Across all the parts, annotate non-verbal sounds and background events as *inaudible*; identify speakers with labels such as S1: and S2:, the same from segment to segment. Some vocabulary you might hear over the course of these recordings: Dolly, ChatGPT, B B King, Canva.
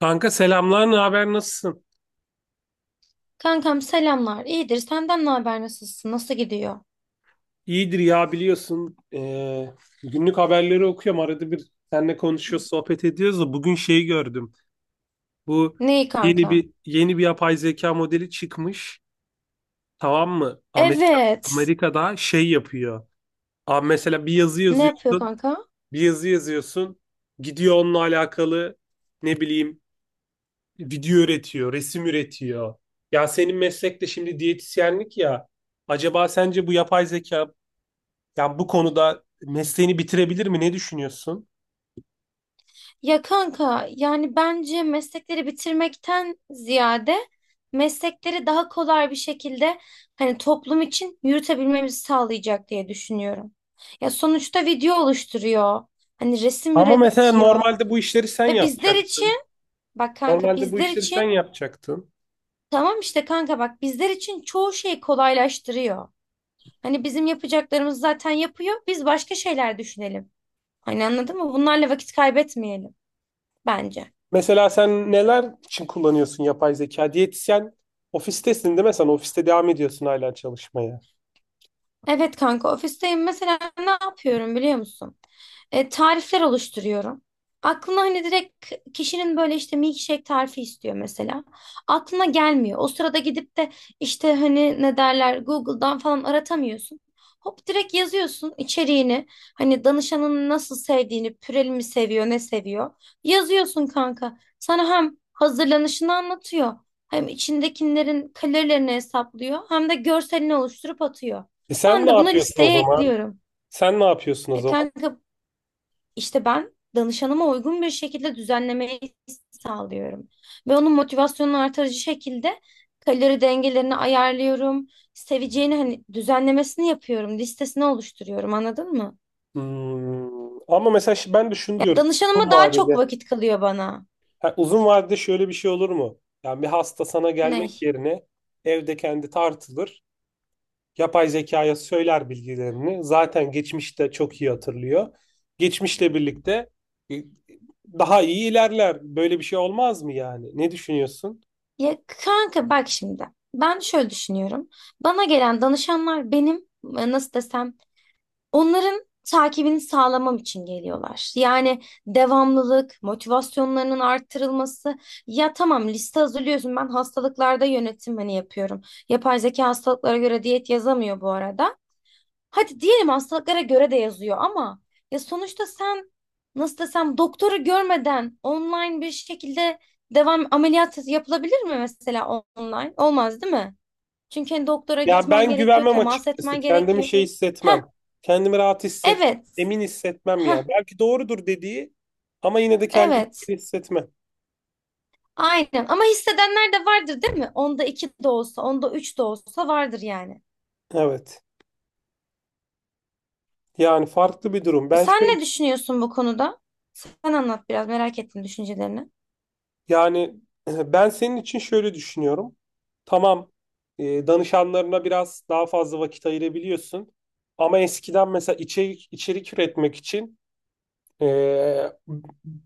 S1: Kanka selamlar, ne haber, nasılsın?
S2: Kankam selamlar. İyidir. Senden ne haber? Nasılsın? Nasıl gidiyor?
S1: İyidir ya biliyorsun. Günlük haberleri okuyorum. Arada bir seninle konuşuyoruz, sohbet ediyoruz da bugün şeyi gördüm. Bu
S2: Neyi
S1: yeni
S2: kanka?
S1: bir yeni bir yapay zeka modeli çıkmış. Tamam mı? Amerika,
S2: Evet.
S1: Amerika'da şey yapıyor. Abi mesela bir yazı
S2: Ne yapıyor
S1: yazıyorsun,
S2: kanka?
S1: bir yazı yazıyorsun. Gidiyor onunla alakalı ne bileyim video üretiyor, resim üretiyor. Ya senin meslek de şimdi diyetisyenlik ya. Acaba sence bu yapay zeka yani bu konuda mesleğini bitirebilir mi? Ne düşünüyorsun?
S2: Ya kanka yani bence meslekleri bitirmekten ziyade meslekleri daha kolay bir şekilde hani toplum için yürütebilmemizi sağlayacak diye düşünüyorum. Ya sonuçta video oluşturuyor. Hani resim
S1: Ama mesela
S2: üretiyor.
S1: normalde bu işleri sen
S2: Ve bizler için
S1: yapacaktın.
S2: bak kanka
S1: Normalde bu
S2: bizler
S1: işleri sen
S2: için
S1: yapacaktın.
S2: tamam işte kanka bak bizler için çoğu şeyi kolaylaştırıyor. Hani bizim yapacaklarımız zaten yapıyor. Biz başka şeyler düşünelim. Hani anladın mı? Bunlarla vakit kaybetmeyelim bence.
S1: Mesela sen neler için kullanıyorsun yapay zeka? Diyetisyen ofistesin değil mi? Sen ofiste devam ediyorsun hala çalışmaya.
S2: Evet kanka ofisteyim. Mesela ne yapıyorum biliyor musun? E, tarifler oluşturuyorum. Aklına hani direkt kişinin böyle işte milkshake tarifi istiyor mesela. Aklına gelmiyor. O sırada gidip de işte hani ne derler Google'dan falan aratamıyorsun. Hop direkt yazıyorsun içeriğini. Hani danışanın nasıl sevdiğini, püreli mi seviyor, ne seviyor. Yazıyorsun kanka. Sana hem hazırlanışını anlatıyor. Hem içindekilerin kalorilerini hesaplıyor. Hem de görselini oluşturup atıyor.
S1: E sen
S2: Ben
S1: ne
S2: de bunu
S1: yapıyorsun o
S2: listeye
S1: zaman?
S2: ekliyorum.
S1: Sen ne yapıyorsun o
S2: E
S1: zaman?
S2: kanka işte ben danışanıma uygun bir şekilde düzenlemeyi sağlıyorum. Ve onun motivasyonunu artırıcı şekilde kalori dengelerini ayarlıyorum. Seveceğini hani düzenlemesini yapıyorum. Listesini oluşturuyorum anladın mı?
S1: Ama mesela ben de şunu
S2: Ya
S1: diyorum. Uzun
S2: danışanıma daha çok
S1: vadede.
S2: vakit kalıyor bana.
S1: Ha, uzun vadede şöyle bir şey olur mu? Yani bir hasta sana
S2: Ne?
S1: gelmek yerine evde kendi tartılır. Yapay zekaya söyler bilgilerini. Zaten geçmişte çok iyi hatırlıyor. Geçmişle birlikte e, daha iyi ilerler. Böyle bir şey olmaz mı yani? Ne düşünüyorsun?
S2: Ya kanka bak şimdi. Ben şöyle düşünüyorum. Bana gelen danışanlar benim e, nasıl desem onların takibini sağlamam için geliyorlar. Yani devamlılık, motivasyonlarının arttırılması. Ya tamam liste hazırlıyorsun. Ben hastalıklarda yönetim hani yapıyorum. Yapay zeka hastalıklara göre diyet yazamıyor bu arada. Hadi diyelim hastalıklara göre de yazıyor ama ya sonuçta sen nasıl desem doktoru görmeden online bir şekilde devam ameliyat yapılabilir mi mesela online? Olmaz değil mi? Çünkü hani doktora
S1: Ya
S2: gitmen
S1: ben
S2: gerekiyor,
S1: güvenmem
S2: temas
S1: açıkçası.
S2: etmen
S1: Kendimi
S2: gerekiyor.
S1: şey
S2: Heh,
S1: hissetmem. Kendimi
S2: evet.
S1: emin hissetmem
S2: Heh,
S1: yani. Belki doğrudur dediği ama yine de kendimi
S2: evet,
S1: emin hissetmem.
S2: aynen. Ama hissedenler de vardır değil mi? Onda iki de olsa, onda üç de olsa vardır yani.
S1: Evet. Yani farklı bir durum. Ben
S2: Sen
S1: şöyle
S2: ne düşünüyorsun bu konuda? Sen anlat biraz, merak ettim düşüncelerini.
S1: Yani *clears throat* ben senin için şöyle düşünüyorum. Tamam, danışanlarına biraz daha fazla vakit ayırabiliyorsun. Ama eskiden mesela içerik üretmek için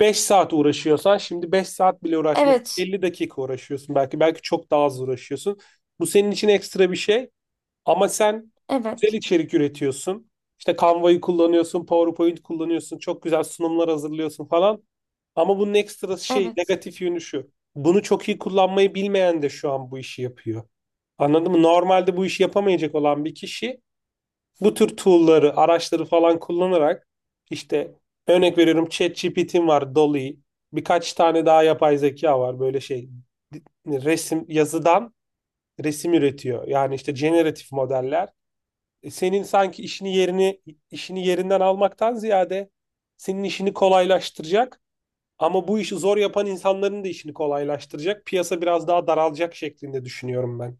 S1: 5 saat uğraşıyorsan şimdi 5 saat bile uğraşmıyorsun.
S2: Evet,
S1: 50 dakika uğraşıyorsun belki. Belki çok daha az uğraşıyorsun. Bu senin için ekstra bir şey. Ama sen güzel
S2: evet,
S1: içerik üretiyorsun. İşte Canva'yı kullanıyorsun, PowerPoint kullanıyorsun, çok güzel sunumlar hazırlıyorsun falan. Ama bunun ekstra şey,
S2: evet.
S1: negatif yönü şu. Bunu çok iyi kullanmayı bilmeyen de şu an bu işi yapıyor. Anladın mı? Normalde bu işi yapamayacak olan bir kişi bu tür tool'ları, araçları falan kullanarak işte örnek veriyorum ChatGPT'im var, Dolly, birkaç tane daha yapay zeka var böyle şey resim yazıdan resim üretiyor. Yani işte generatif modeller. Senin sanki işini yerinden almaktan ziyade senin işini kolaylaştıracak ama bu işi zor yapan insanların da işini kolaylaştıracak. Piyasa biraz daha daralacak şeklinde düşünüyorum ben.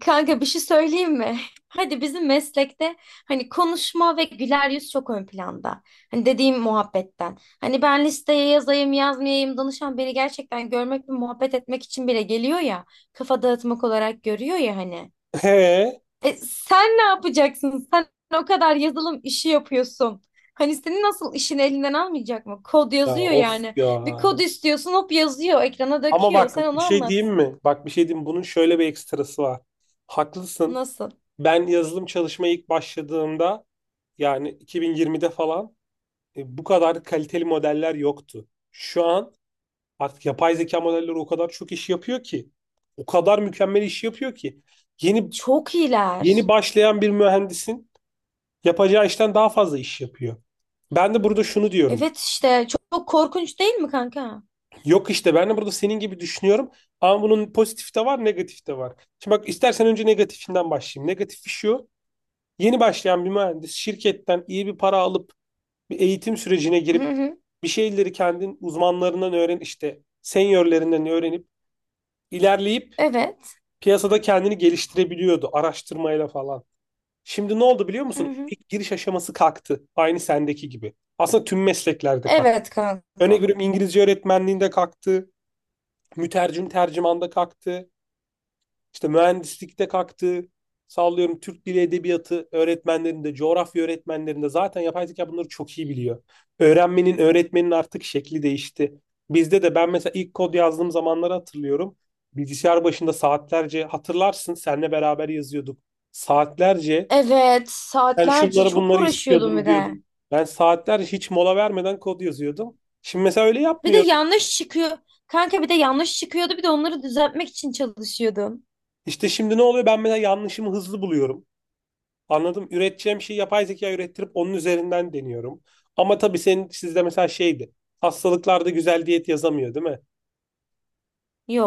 S2: Kanka bir şey söyleyeyim mi? *laughs* Hadi bizim meslekte hani konuşma ve güler yüz çok ön planda. Hani dediğim muhabbetten. Hani ben listeye yazayım yazmayayım danışan beni gerçekten görmek ve muhabbet etmek için bile geliyor ya. Kafa dağıtmak olarak görüyor ya hani.
S1: *laughs* He
S2: E, sen ne yapacaksın? Sen o kadar yazılım işi yapıyorsun. Hani senin nasıl işin elinden almayacak mı? Kod
S1: ya
S2: yazıyor
S1: of
S2: yani.
S1: ya.
S2: Bir kod istiyorsun hop yazıyor, ekrana
S1: Ama
S2: döküyor.
S1: bak
S2: Sen
S1: bir
S2: onu
S1: şey diyeyim
S2: anlat.
S1: mi? Bak bir şey diyeyim. Bunun şöyle bir ekstrası var. Haklısın.
S2: Nasıl?
S1: Ben yazılım çalışmaya ilk başladığımda yani 2020'de falan bu kadar kaliteli modeller yoktu. Şu an artık yapay zeka modelleri o kadar çok iş yapıyor ki, o kadar mükemmel iş yapıyor ki yeni
S2: Çok
S1: yeni
S2: iyiler.
S1: başlayan bir mühendisin yapacağı işten daha fazla iş yapıyor. Ben de burada şunu diyorum.
S2: Evet işte çok, çok korkunç değil mi kanka?
S1: Yok işte ben de burada senin gibi düşünüyorum ama bunun pozitif de var, negatif de var. Şimdi bak istersen önce negatifinden başlayayım. Negatifi şu. Yeni başlayan bir mühendis şirketten iyi bir para alıp bir eğitim sürecine
S2: Hı
S1: girip
S2: hı.
S1: bir şeyleri kendin uzmanlarından öğren işte seniorlerinden öğrenip ilerleyip
S2: Evet.
S1: piyasada kendini geliştirebiliyordu araştırmayla falan. Şimdi ne oldu biliyor
S2: Hı
S1: musun?
S2: hı.
S1: İlk giriş aşaması kalktı. Aynı sendeki gibi. Aslında tüm mesleklerde kalktı.
S2: Evet
S1: Örnek
S2: kanka.
S1: veriyorum İngilizce öğretmenliğinde kalktı. Mütercim tercümanda kalktı. İşte mühendislikte kalktı. Sallıyorum Türk Dili Edebiyatı öğretmenlerinde, coğrafya öğretmenlerinde zaten yapay zeka bunları çok iyi biliyor. Öğrenmenin, öğretmenin artık şekli değişti. Bizde de ben mesela ilk kod yazdığım zamanları hatırlıyorum. Bilgisayar başında saatlerce hatırlarsın seninle beraber yazıyorduk. Saatlerce
S2: Evet
S1: ben
S2: saatlerce
S1: şunları
S2: çok
S1: bunları
S2: uğraşıyordum bir
S1: istiyordum
S2: de.
S1: diyordum. Ben saatlerce hiç mola vermeden kod yazıyordum. Şimdi mesela öyle
S2: Bir de
S1: yapmıyorum.
S2: yanlış çıkıyor. Kanka bir de yanlış çıkıyordu bir de onları düzeltmek için çalışıyordum.
S1: İşte şimdi ne oluyor? Ben mesela yanlışımı hızlı buluyorum. Anladım. Üreteceğim şeyi yapay zeka ürettirip onun üzerinden deniyorum. Ama tabii sizde mesela şeydi. Hastalıklarda güzel diyet yazamıyor, değil mi?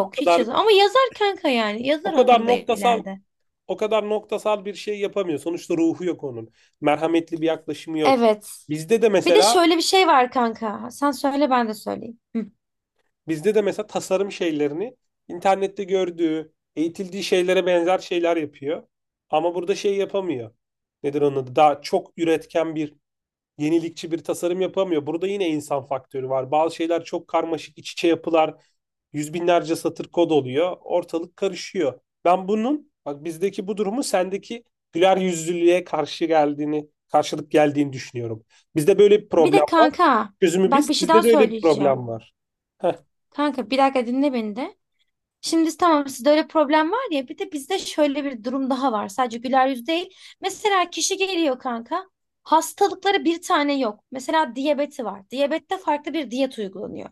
S1: O
S2: hiç
S1: kadar
S2: yazar. Ama yazar kanka yani.
S1: o
S2: Yazar
S1: kadar
S2: onu da
S1: noktasal
S2: ileride.
S1: o kadar noktasal bir şey yapamıyor. Sonuçta ruhu yok onun. Merhametli bir yaklaşımı yok.
S2: Evet.
S1: Bizde de
S2: Bir de
S1: mesela
S2: şöyle bir şey var kanka. Sen söyle ben de söyleyeyim. Hı.
S1: bizde de mesela tasarım şeylerini internette gördüğü, eğitildiği şeylere benzer şeyler yapıyor. Ama burada şey yapamıyor. Nedir onun adı? Daha çok üretken bir yenilikçi bir tasarım yapamıyor. Burada yine insan faktörü var. Bazı şeyler çok karmaşık, iç içe yapılar, yüz binlerce satır kod oluyor. Ortalık karışıyor. Ben bunun, bak bizdeki bu durumu sendeki güler yüzlülüğe karşı geldiğini, karşılık geldiğini düşünüyorum. Bizde böyle bir
S2: Bir
S1: problem
S2: de
S1: var.
S2: kanka
S1: Çözümü
S2: bak
S1: biz,
S2: bir şey daha
S1: sizde de öyle bir
S2: söyleyeceğim.
S1: problem var. Heh.
S2: Kanka bir dakika dinle beni de. Şimdi tamam sizde öyle problem var ya bir de bizde şöyle bir durum daha var. Sadece güler yüz değil. Mesela kişi geliyor kanka. Hastalıkları bir tane yok. Mesela diyabeti var. Diyabette farklı bir diyet uygulanıyor.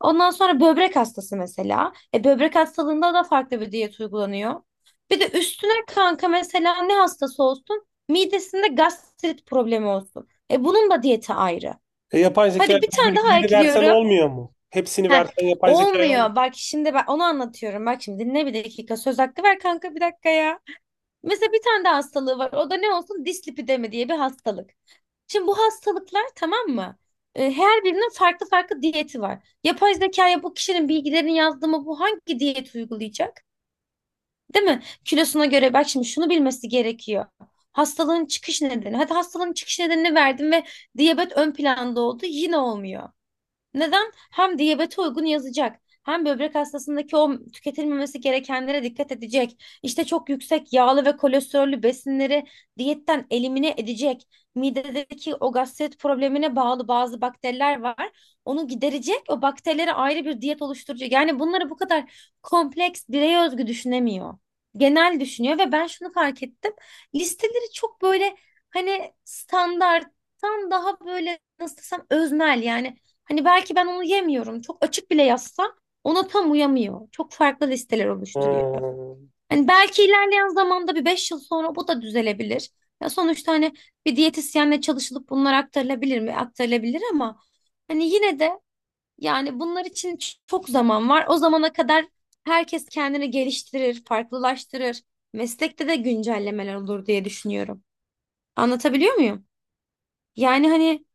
S2: Ondan sonra böbrek hastası mesela. E, böbrek hastalığında da farklı bir diyet uygulanıyor. Bir de üstüne kanka mesela ne hastası olsun? Midesinde gastrit problemi olsun. E, bunun da diyeti ayrı.
S1: Yapay zeka
S2: Hadi bir
S1: bu
S2: tane daha
S1: bilgileri versen
S2: ekliyorum.
S1: olmuyor mu? Hepsini
S2: Heh,
S1: versen yapay zekaya olmuyor.
S2: olmuyor. Bak şimdi ben onu anlatıyorum. Bak şimdi dinle bir dakika. Söz hakkı ver kanka bir dakika ya. Mesela bir tane de hastalığı var. O da ne olsun? Dislipidemi diye bir hastalık. Şimdi bu hastalıklar tamam mı? E, her birinin farklı farklı diyeti var. Yapay zekaya bu kişinin bilgilerini yazdı mı bu hangi diyet uygulayacak? Değil mi? Kilosuna göre bak şimdi şunu bilmesi gerekiyor. Hastalığın çıkış nedeni. Hadi hastalığın çıkış nedenini verdim ve diyabet ön planda oldu. Yine olmuyor. Neden? Hem diyabete uygun yazacak. Hem böbrek hastasındaki o tüketilmemesi gerekenlere dikkat edecek. İşte çok yüksek yağlı ve kolesterollü besinleri diyetten elimine edecek. Midedeki o gastrit problemine bağlı bazı bakteriler var. Onu giderecek. O bakterilere ayrı bir diyet oluşturacak. Yani bunları bu kadar kompleks, bireye özgü düşünemiyor. Genel düşünüyor ve ben şunu fark ettim. Listeleri çok böyle hani standarttan daha böyle nasıl desem öznel yani. Hani belki ben onu yemiyorum. Çok açık bile yazsam ona tam uyamıyor. Çok farklı listeler oluşturuyor.
S1: Hmm.
S2: Hani belki ilerleyen zamanda bir 5 yıl sonra bu da düzelebilir. Ya sonuçta hani bir diyetisyenle çalışılıp bunlar aktarılabilir mi? Aktarılabilir ama hani yine de yani bunlar için çok zaman var. O zamana kadar herkes kendini geliştirir, farklılaştırır. Meslekte de güncellemeler olur diye düşünüyorum. Anlatabiliyor muyum? Yani hani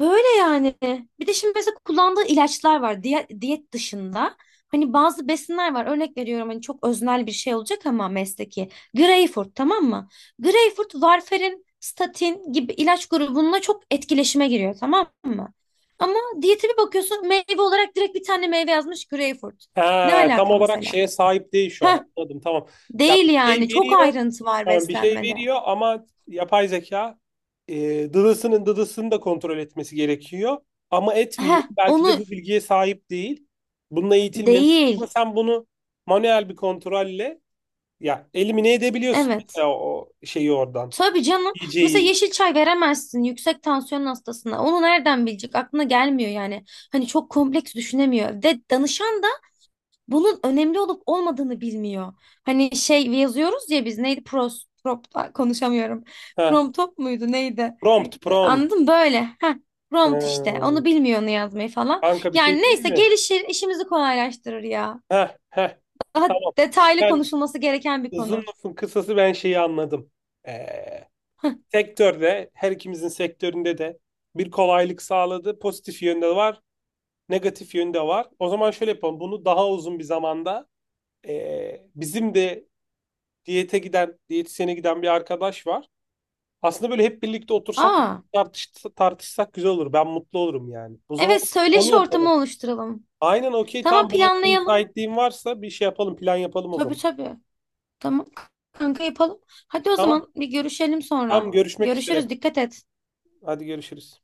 S2: böyle yani. Bir de şimdi mesela kullandığı ilaçlar var diyet dışında. Hani bazı besinler var. Örnek veriyorum hani çok öznel bir şey olacak ama mesleki. Greyfurt tamam mı? Greyfurt, varfarin, statin gibi ilaç grubununla çok etkileşime giriyor tamam mı? Ama diyete bir bakıyorsun meyve olarak direkt bir tane meyve yazmış Greyfurt. Ne
S1: Ha, tam
S2: alaka
S1: olarak
S2: mesela?
S1: şeye sahip değil şu an.
S2: Heh,
S1: Anladım tamam. Ya
S2: değil
S1: bir şey
S2: yani. Çok
S1: veriyor.
S2: ayrıntı var
S1: Tamam bir şey
S2: beslenmede.
S1: veriyor ama yapay zeka dıdısının dıdısını da kontrol etmesi gerekiyor. Ama etmiyor.
S2: Heh,
S1: Belki
S2: onu
S1: de bu bilgiye sahip değil. Bununla eğitilmemiş. Ama
S2: değil.
S1: sen bunu manuel bir kontrolle ya elimine edebiliyorsun
S2: Evet.
S1: mesela o şeyi oradan.
S2: Tabii canım. Mesela
S1: DJ'yi.
S2: yeşil çay veremezsin yüksek tansiyon hastasına. Onu nereden bilecek? Aklına gelmiyor yani. Hani çok kompleks düşünemiyor. Ve danışan da bunun önemli olup olmadığını bilmiyor. Hani şey yazıyoruz ya biz neydi? Pros, prop, ay, konuşamıyorum.
S1: Heh.
S2: Promptop muydu neydi?
S1: Prompt
S2: E,
S1: prompt.
S2: anladın mı? Böyle. Heh. Prompt işte.
S1: Ha.
S2: Onu bilmiyor onu yazmayı falan.
S1: Kanka bir
S2: Yani
S1: şey diyeyim
S2: neyse
S1: mi?
S2: gelişir, işimizi kolaylaştırır ya.
S1: Heh, heh.
S2: Daha
S1: Tamam.
S2: detaylı
S1: Ben
S2: konuşulması gereken bir
S1: Uzun
S2: konu.
S1: lafın kısası ben şeyi anladım. Ee, sektörde, her ikimizin sektöründe de bir kolaylık sağladı. Pozitif yönde var, negatif yönde var. O zaman şöyle yapalım. Bunu daha uzun bir zamanda bizim de diyetisyene giden bir arkadaş var. Aslında böyle hep birlikte otursak,
S2: Aa,
S1: tartış, tartışsak güzel olur. Ben mutlu olurum yani. O zaman
S2: evet
S1: onu
S2: söyleşi ortamı
S1: yapalım.
S2: oluşturalım.
S1: Aynen okey.
S2: Tamam
S1: Tam bu hafta
S2: planlayalım.
S1: müsaitliğin varsa bir şey yapalım, plan yapalım o
S2: Tabii
S1: zaman.
S2: tabii. Tamam kanka yapalım. Hadi o
S1: Tamam.
S2: zaman bir görüşelim sonra.
S1: Tam görüşmek üzere.
S2: Görüşürüz. Dikkat et.
S1: Hadi görüşürüz.